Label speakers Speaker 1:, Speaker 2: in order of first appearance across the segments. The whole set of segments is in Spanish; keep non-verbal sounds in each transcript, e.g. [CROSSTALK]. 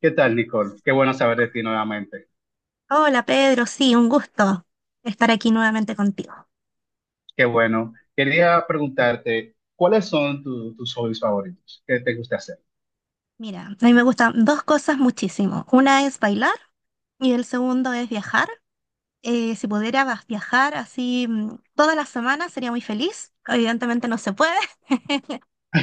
Speaker 1: ¿Qué tal, Nicole? Qué bueno saber de ti nuevamente.
Speaker 2: Hola Pedro, sí, un gusto estar aquí nuevamente contigo.
Speaker 1: Qué bueno. Quería preguntarte, ¿cuáles son tus hobbies favoritos? ¿Qué te gusta hacer?
Speaker 2: Mira, a mí me gustan dos cosas muchísimo. Una es bailar y el segundo es viajar. Si pudiera viajar así, todas las semanas sería muy feliz. Evidentemente no se puede, [LAUGHS]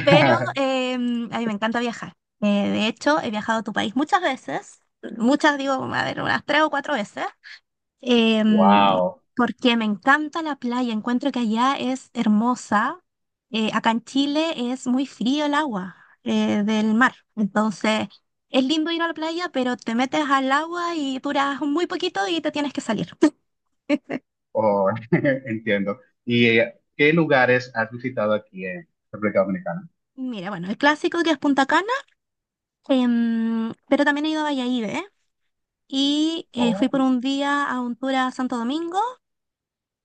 Speaker 2: pero a mí me encanta viajar. De hecho, he viajado a tu país muchas veces, muchas digo, a ver, unas tres o cuatro veces. em,
Speaker 1: Wow.
Speaker 2: Porque me encanta la playa, encuentro que allá es hermosa. Acá en Chile es muy frío el agua del mar, entonces es lindo ir a la playa, pero te metes al agua y duras muy poquito y te tienes que salir. [LAUGHS]
Speaker 1: Oh, [LAUGHS] entiendo. ¿Y qué lugares has visitado aquí en República Dominicana?
Speaker 2: Mira, bueno, el clásico que es Punta Cana, pero también he ido a Valladolid, ¿eh? Y fui
Speaker 1: Oh,
Speaker 2: por un día a un tour a Santo Domingo.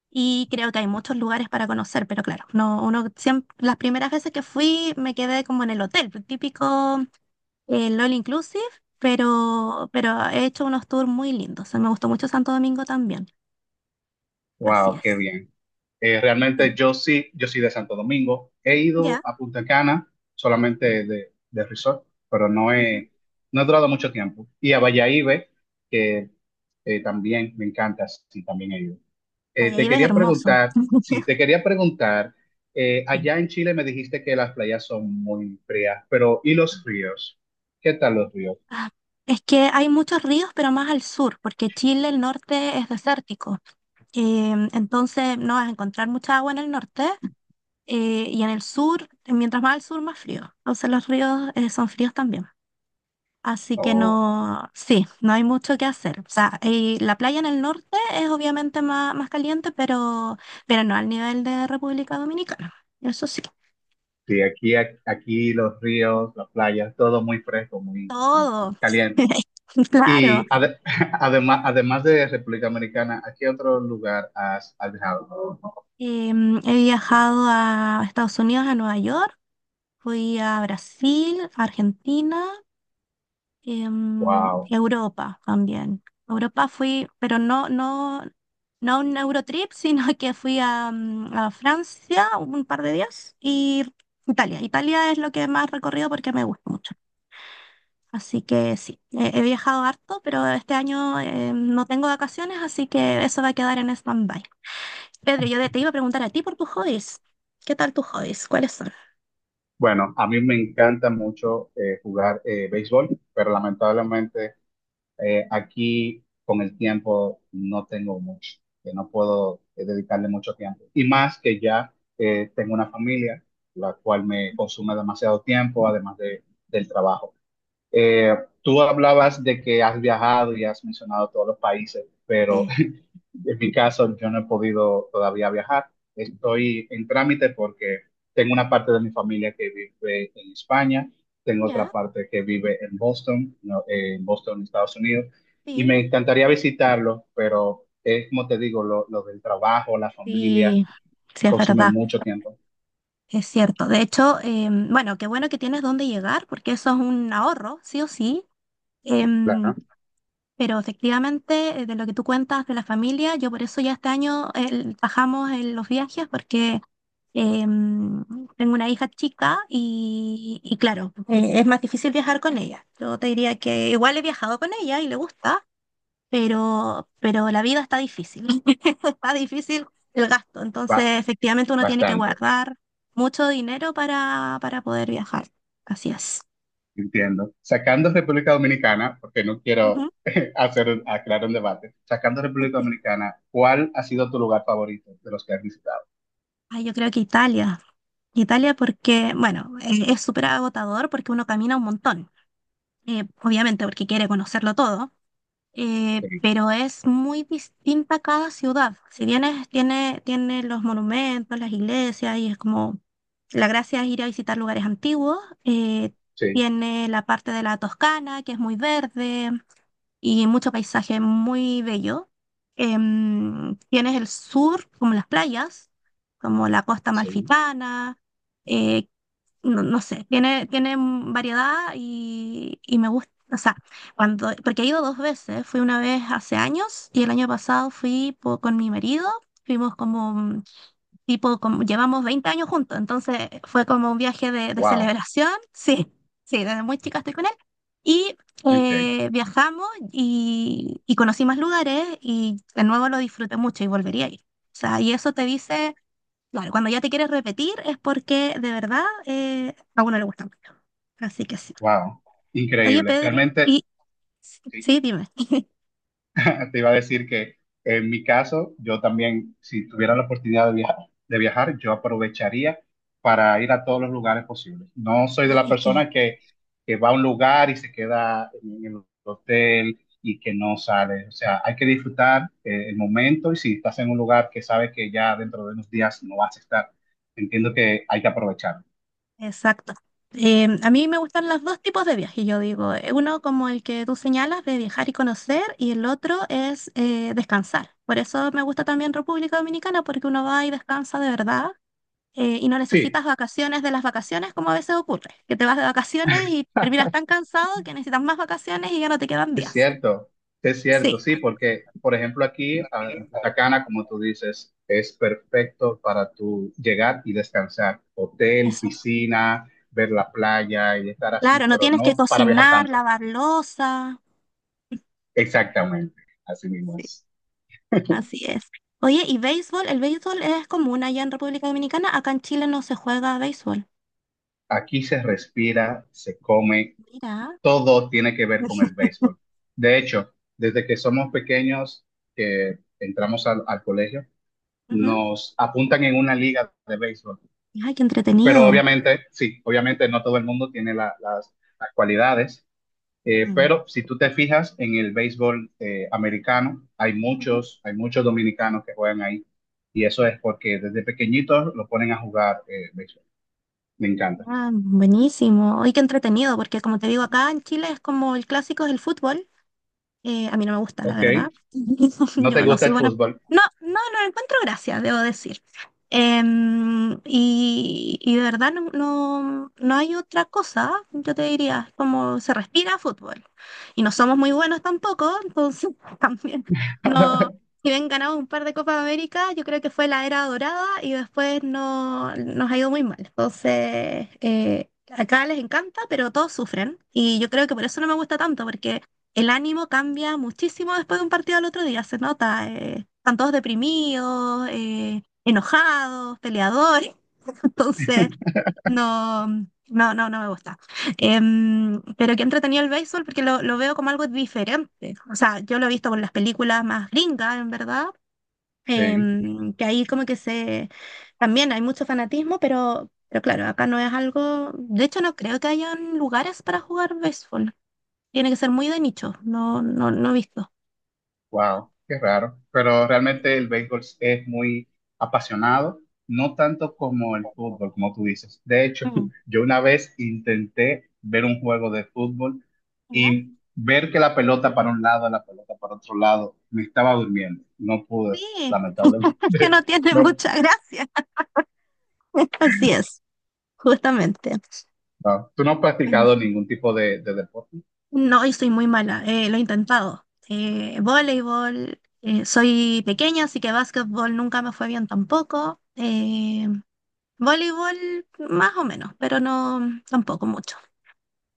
Speaker 2: Y creo que hay muchos lugares para conocer, pero claro, no, uno siempre, las primeras veces que fui me quedé como en el hotel, el típico, el all inclusive, pero, he hecho unos tours muy lindos. O sea, me gustó mucho Santo Domingo también. Así
Speaker 1: wow, qué
Speaker 2: es.
Speaker 1: bien.
Speaker 2: Sí.
Speaker 1: Realmente yo sí, yo soy de Santo Domingo. He ido
Speaker 2: Ya.
Speaker 1: a Punta Cana solamente de resort, pero no
Speaker 2: Ujú.
Speaker 1: no he durado mucho tiempo. Y a Valladolid, que también me encanta, sí, también he ido. Te
Speaker 2: Valladolid es
Speaker 1: quería
Speaker 2: hermoso.
Speaker 1: preguntar, sí,
Speaker 2: [LAUGHS]
Speaker 1: te quería preguntar,
Speaker 2: Sí.
Speaker 1: allá en Chile me dijiste que las playas son muy frías, pero ¿y los ríos? ¿Qué tal los ríos?
Speaker 2: Ah, es que hay muchos ríos, pero más al sur, porque Chile, el norte es desértico. Entonces no vas a encontrar mucha agua en el norte, y en el sur, mientras más al sur, más frío. Entonces los ríos son fríos también. Así que
Speaker 1: Oh,
Speaker 2: no, sí, no hay mucho que hacer. O sea, y la playa en el norte es obviamente más, caliente, pero, no al nivel de República Dominicana. Eso sí,
Speaker 1: sí, aquí, aquí los ríos, las playas, todo muy fresco, muy
Speaker 2: todo.
Speaker 1: caliente.
Speaker 2: [LAUGHS] Claro.
Speaker 1: Y [LAUGHS] además, además de República Americana, ¿a qué otro lugar has viajado?
Speaker 2: He viajado a Estados Unidos, a Nueva York, fui a Brasil, a Argentina, y
Speaker 1: Wow.
Speaker 2: a Europa también. A Europa fui, pero No a un Eurotrip, sino [LAUGHS] que fui a Francia un par de días y Italia. Italia es lo que más he recorrido porque me gusta mucho. Así que sí, he viajado harto, pero este año no tengo vacaciones, así que eso va a quedar en stand-by. Pedro, yo te iba a preguntar a ti por tus hobbies. ¿Qué tal tus hobbies? ¿Cuáles son?
Speaker 1: Bueno, a mí me encanta mucho jugar béisbol, pero lamentablemente aquí con el tiempo no tengo mucho, que no puedo dedicarle mucho tiempo. Y más que ya tengo una familia, la cual me consume demasiado tiempo, además del trabajo. Eh, Tú hablabas de que has viajado y has mencionado todos los países, pero
Speaker 2: Sí.
Speaker 1: en mi caso, yo no he podido todavía viajar. Estoy en trámite porque tengo una parte de mi familia que vive en España, tengo
Speaker 2: Ya,
Speaker 1: otra parte que vive en Boston, no, en Boston, Estados Unidos, y
Speaker 2: sí.
Speaker 1: me encantaría visitarlo, pero es como te digo, lo del trabajo, la familia,
Speaker 2: Sí, sí, es
Speaker 1: consume
Speaker 2: verdad.
Speaker 1: mucho tiempo.
Speaker 2: Es cierto. De hecho, bueno, qué bueno que tienes dónde llegar, porque eso es un ahorro, sí o sí. Em,
Speaker 1: Claro.
Speaker 2: pero efectivamente, de lo que tú cuentas de la familia, yo por eso ya este año bajamos en los viajes, porque em, tengo una hija chica y, claro, es más difícil viajar con ella. Yo te diría que igual he viajado con ella y le gusta, pero, la vida está difícil, [LAUGHS] está difícil el gasto,
Speaker 1: ba-
Speaker 2: entonces efectivamente uno tiene que
Speaker 1: Bastante,
Speaker 2: guardar mucho dinero para, poder viajar, así es.
Speaker 1: entiendo. Sacando República Dominicana, porque no quiero
Speaker 2: Ujú.
Speaker 1: [LAUGHS] hacer, aclarar un debate, sacando República
Speaker 2: [LAUGHS]
Speaker 1: Dominicana, ¿cuál ha sido tu lugar favorito de los que has visitado?
Speaker 2: Ay, yo creo que Italia, Italia porque, bueno, es súper agotador porque uno camina un montón, obviamente porque quiere conocerlo todo,
Speaker 1: Sí,
Speaker 2: pero es muy distinta cada ciudad. Si bien tiene, los monumentos, las iglesias, y es como la gracia es ir a visitar lugares antiguos, eh,
Speaker 1: sí,
Speaker 2: tiene la parte de la Toscana, que es muy verde y mucho paisaje muy bello. Tienes el sur, como las playas, como la costa
Speaker 1: sí.
Speaker 2: amalfitana. eh, no, no sé, tiene, variedad y, me gusta. O sea, cuando, porque he ido dos veces, fui una vez hace años y el año pasado fui con mi marido, fuimos como, tipo, como, llevamos 20 años juntos, entonces fue como un viaje de,
Speaker 1: Wow.
Speaker 2: celebración, [LAUGHS] sí, sí, desde muy chica estoy con él, y
Speaker 1: Okay.
Speaker 2: viajamos y, conocí más lugares y de nuevo lo disfruté mucho y volvería a ir. O sea, y eso te dice, claro, cuando ya te quieres repetir es porque de verdad a uno le gusta mucho. Así que sí.
Speaker 1: Wow.
Speaker 2: Oye,
Speaker 1: Increíble.
Speaker 2: Pedro,
Speaker 1: Realmente
Speaker 2: y
Speaker 1: sí,
Speaker 2: sí, dime.
Speaker 1: [LAUGHS] te iba a decir que en mi caso, yo también, si tuviera la oportunidad de viajar, yo aprovecharía para ir a todos los lugares posibles. No soy de
Speaker 2: Ay,
Speaker 1: la
Speaker 2: es que,
Speaker 1: persona que va a un lugar y se queda en el hotel y que no sale. O sea, hay que disfrutar el momento, y si estás en un lugar que sabes que ya dentro de unos días no vas a estar, entiendo que hay que aprovechar.
Speaker 2: exacto. A mí me gustan los dos tipos de viajes, yo digo. Uno como el que tú señalas de viajar y conocer, y el otro es descansar. Por eso me gusta también República Dominicana, porque uno va y descansa de verdad y no
Speaker 1: Sí.
Speaker 2: necesitas vacaciones de las vacaciones como a veces ocurre, que te vas de vacaciones y terminas tan cansado que necesitas más vacaciones y ya no te quedan
Speaker 1: Es
Speaker 2: días.
Speaker 1: cierto, es
Speaker 2: Sí,
Speaker 1: cierto, sí, porque, por ejemplo, aquí ah, en Punta Cana, como tú dices, es perfecto para tú llegar y descansar. Hotel,
Speaker 2: eso,
Speaker 1: piscina, ver la playa y estar así,
Speaker 2: claro, no
Speaker 1: pero
Speaker 2: tienes que
Speaker 1: no para viajar
Speaker 2: cocinar,
Speaker 1: tanto.
Speaker 2: lavar loza.
Speaker 1: Exactamente, así mismo
Speaker 2: Sí.
Speaker 1: es.
Speaker 2: Así es. Oye, ¿y béisbol? El béisbol es común allá en República Dominicana. Acá en Chile no se juega béisbol.
Speaker 1: Aquí se respira, se come,
Speaker 2: Mira.
Speaker 1: todo tiene que ver con el béisbol. De hecho, desde que somos pequeños, que entramos al al colegio,
Speaker 2: Ujú.
Speaker 1: nos apuntan en una liga de béisbol.
Speaker 2: Ay, qué
Speaker 1: Pero
Speaker 2: entretenido.
Speaker 1: obviamente, sí, obviamente no todo el mundo tiene las cualidades,
Speaker 2: Mm.
Speaker 1: pero si tú te fijas en el béisbol americano,
Speaker 2: Ujú.
Speaker 1: hay muchos dominicanos que juegan ahí, y eso es porque desde pequeñitos lo ponen a jugar béisbol. Me encanta.
Speaker 2: Ah, buenísimo. Ay, qué entretenido, porque como te digo, acá en Chile es como el clásico es el fútbol. A mí no me gusta, la
Speaker 1: Ok,
Speaker 2: verdad. [LAUGHS]
Speaker 1: no te
Speaker 2: Yo no
Speaker 1: gusta
Speaker 2: soy
Speaker 1: el
Speaker 2: buena.
Speaker 1: fútbol.
Speaker 2: No, no, no le encuentro gracia, debo decir. Y de verdad no, no, no hay otra cosa, yo te diría, como se respira fútbol. Y no somos muy buenos tampoco, entonces [LAUGHS] también no.
Speaker 1: [LAUGHS]
Speaker 2: Si bien ganamos un par de Copas de América, yo creo que fue la era dorada y después no, nos ha ido muy mal. Entonces, acá les encanta, pero todos sufren. Y yo creo que por eso no me gusta tanto, porque el ánimo cambia muchísimo después de un partido al otro día, se nota. Están todos deprimidos, enojados, peleadores. [LAUGHS] Entonces, no, no, no, no me gusta. Pero que entretenido el béisbol porque lo, veo como algo diferente. O sea, yo lo he visto con las películas más gringas, en verdad.
Speaker 1: Sí.
Speaker 2: Que ahí como que se... También hay mucho fanatismo, pero, claro, acá no es algo... De hecho, no creo que hayan lugares para jugar béisbol. Tiene que ser muy de nicho, no, no, no he visto.
Speaker 1: Wow, qué raro. Pero realmente el béisbol es muy apasionado, no tanto como el fútbol, como tú dices. De hecho,
Speaker 2: Mm,
Speaker 1: [LAUGHS] yo una vez intenté ver un juego de fútbol
Speaker 2: ¿ya?
Speaker 1: y ver que la pelota para un lado, la pelota para otro lado, me estaba durmiendo. No pude,
Speaker 2: Sí,
Speaker 1: lamentablemente.
Speaker 2: [LAUGHS] es que no
Speaker 1: [LAUGHS]
Speaker 2: tiene
Speaker 1: No,
Speaker 2: mucha gracia. [LAUGHS] Así es, justamente.
Speaker 1: no. ¿Tú no has practicado
Speaker 2: Buenísimo.
Speaker 1: ningún tipo de deporte?
Speaker 2: No, y soy muy mala, lo he intentado. Voleibol, soy pequeña, así que básquetbol nunca me fue bien tampoco. Voleibol más o menos, pero no tampoco mucho.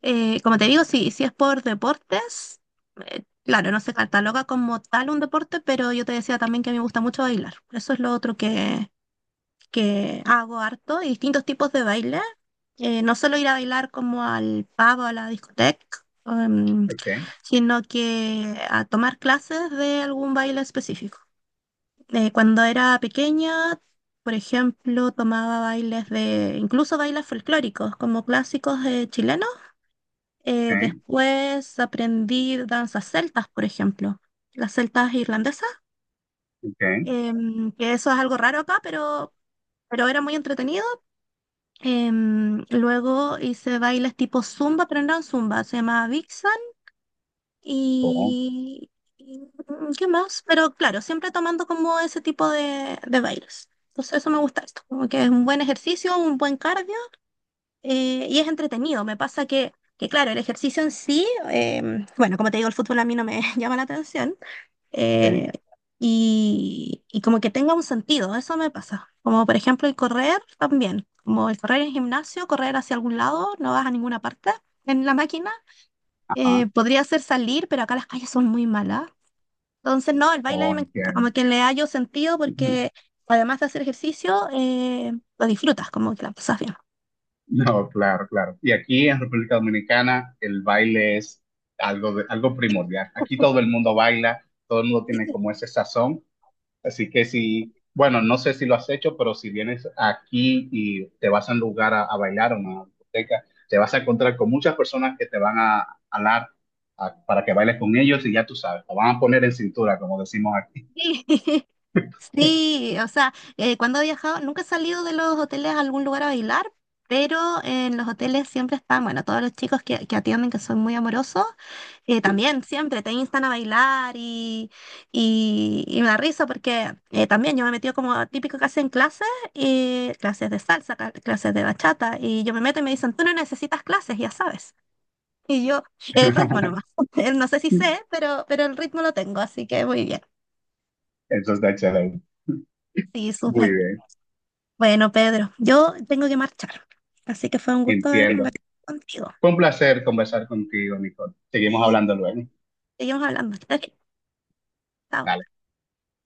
Speaker 2: Como te digo, si es por deportes, claro, no se cataloga como tal un deporte, pero yo te decía también que me gusta mucho bailar. Eso es lo otro que, hago harto, y distintos tipos de baile. No solo ir a bailar como al pub o a la discoteca, em,
Speaker 1: Ok,
Speaker 2: sino que a tomar clases de algún baile específico. Cuando era pequeña, por ejemplo, tomaba bailes de, incluso bailes folclóricos, como clásicos chilenos,
Speaker 1: ok,
Speaker 2: después aprendí danzas celtas, por ejemplo, las celtas irlandesas,
Speaker 1: ok.
Speaker 2: que eso es algo raro acá, pero, era muy entretenido. Luego hice bailes tipo zumba, pero no eran zumba, se llamaba Vixen
Speaker 1: Oh,
Speaker 2: y... y, ¿qué más? Pero claro, siempre tomando como ese tipo de, bailes. Entonces eso me gusta esto, como que es un buen ejercicio, un buen cardio y es entretenido. Me pasa que, claro, el ejercicio en sí, bueno, como te digo, el fútbol a mí no me [LAUGHS] llama la atención,
Speaker 1: ok,
Speaker 2: eh, y como que tenga un sentido, eso me pasa. Como por ejemplo el correr también, como el correr en gimnasio, correr hacia algún lado, no vas a ninguna parte en la máquina.
Speaker 1: ajá.
Speaker 2: Podría ser salir, pero acá las calles son muy malas. Entonces, no, el baile a mí
Speaker 1: Oh,
Speaker 2: me encanta,
Speaker 1: entiendo.
Speaker 2: como que le hallo sentido porque además de hacer ejercicio, lo disfrutas, como que la pasas bien.
Speaker 1: No, [LAUGHS] claro, claro. Y aquí en República Dominicana el baile es algo, algo primordial. Aquí
Speaker 2: [LAUGHS]
Speaker 1: todo el mundo baila, todo el mundo tiene como ese sazón. Así que si, bueno, no sé si lo has hecho, pero si vienes aquí y te vas a un lugar a bailar, a una discoteca, te vas a encontrar con muchas personas que te van a hablar para que bailes con ellos y ya tú sabes, te van a poner en cintura, como decimos aquí.
Speaker 2: Sí. Sí, o sea, cuando he viajado, nunca he salido de los hoteles a algún lugar a bailar, pero en los hoteles siempre están, bueno, todos los chicos que, atienden, que son muy amorosos, también siempre te instan a bailar y, me da risa porque también yo me he metido como típico que hacen clases, y clases de salsa, clases de bachata, y yo me meto y me dicen, tú no necesitas clases, ya sabes. Y yo, el ritmo nomás, [LAUGHS] no sé si sé, pero, el ritmo lo tengo, así que muy bien.
Speaker 1: [LAUGHS] Eso está excelente.
Speaker 2: Sí,
Speaker 1: Muy
Speaker 2: súper.
Speaker 1: bien,
Speaker 2: Bueno, Pedro, yo tengo que marchar, así que fue un gusto haber
Speaker 1: entiendo.
Speaker 2: conversado contigo
Speaker 1: Fue un placer conversar contigo, Nicole. Seguimos
Speaker 2: y
Speaker 1: hablando luego.
Speaker 2: seguimos hablando. [LAUGHS] Chao.
Speaker 1: Dale.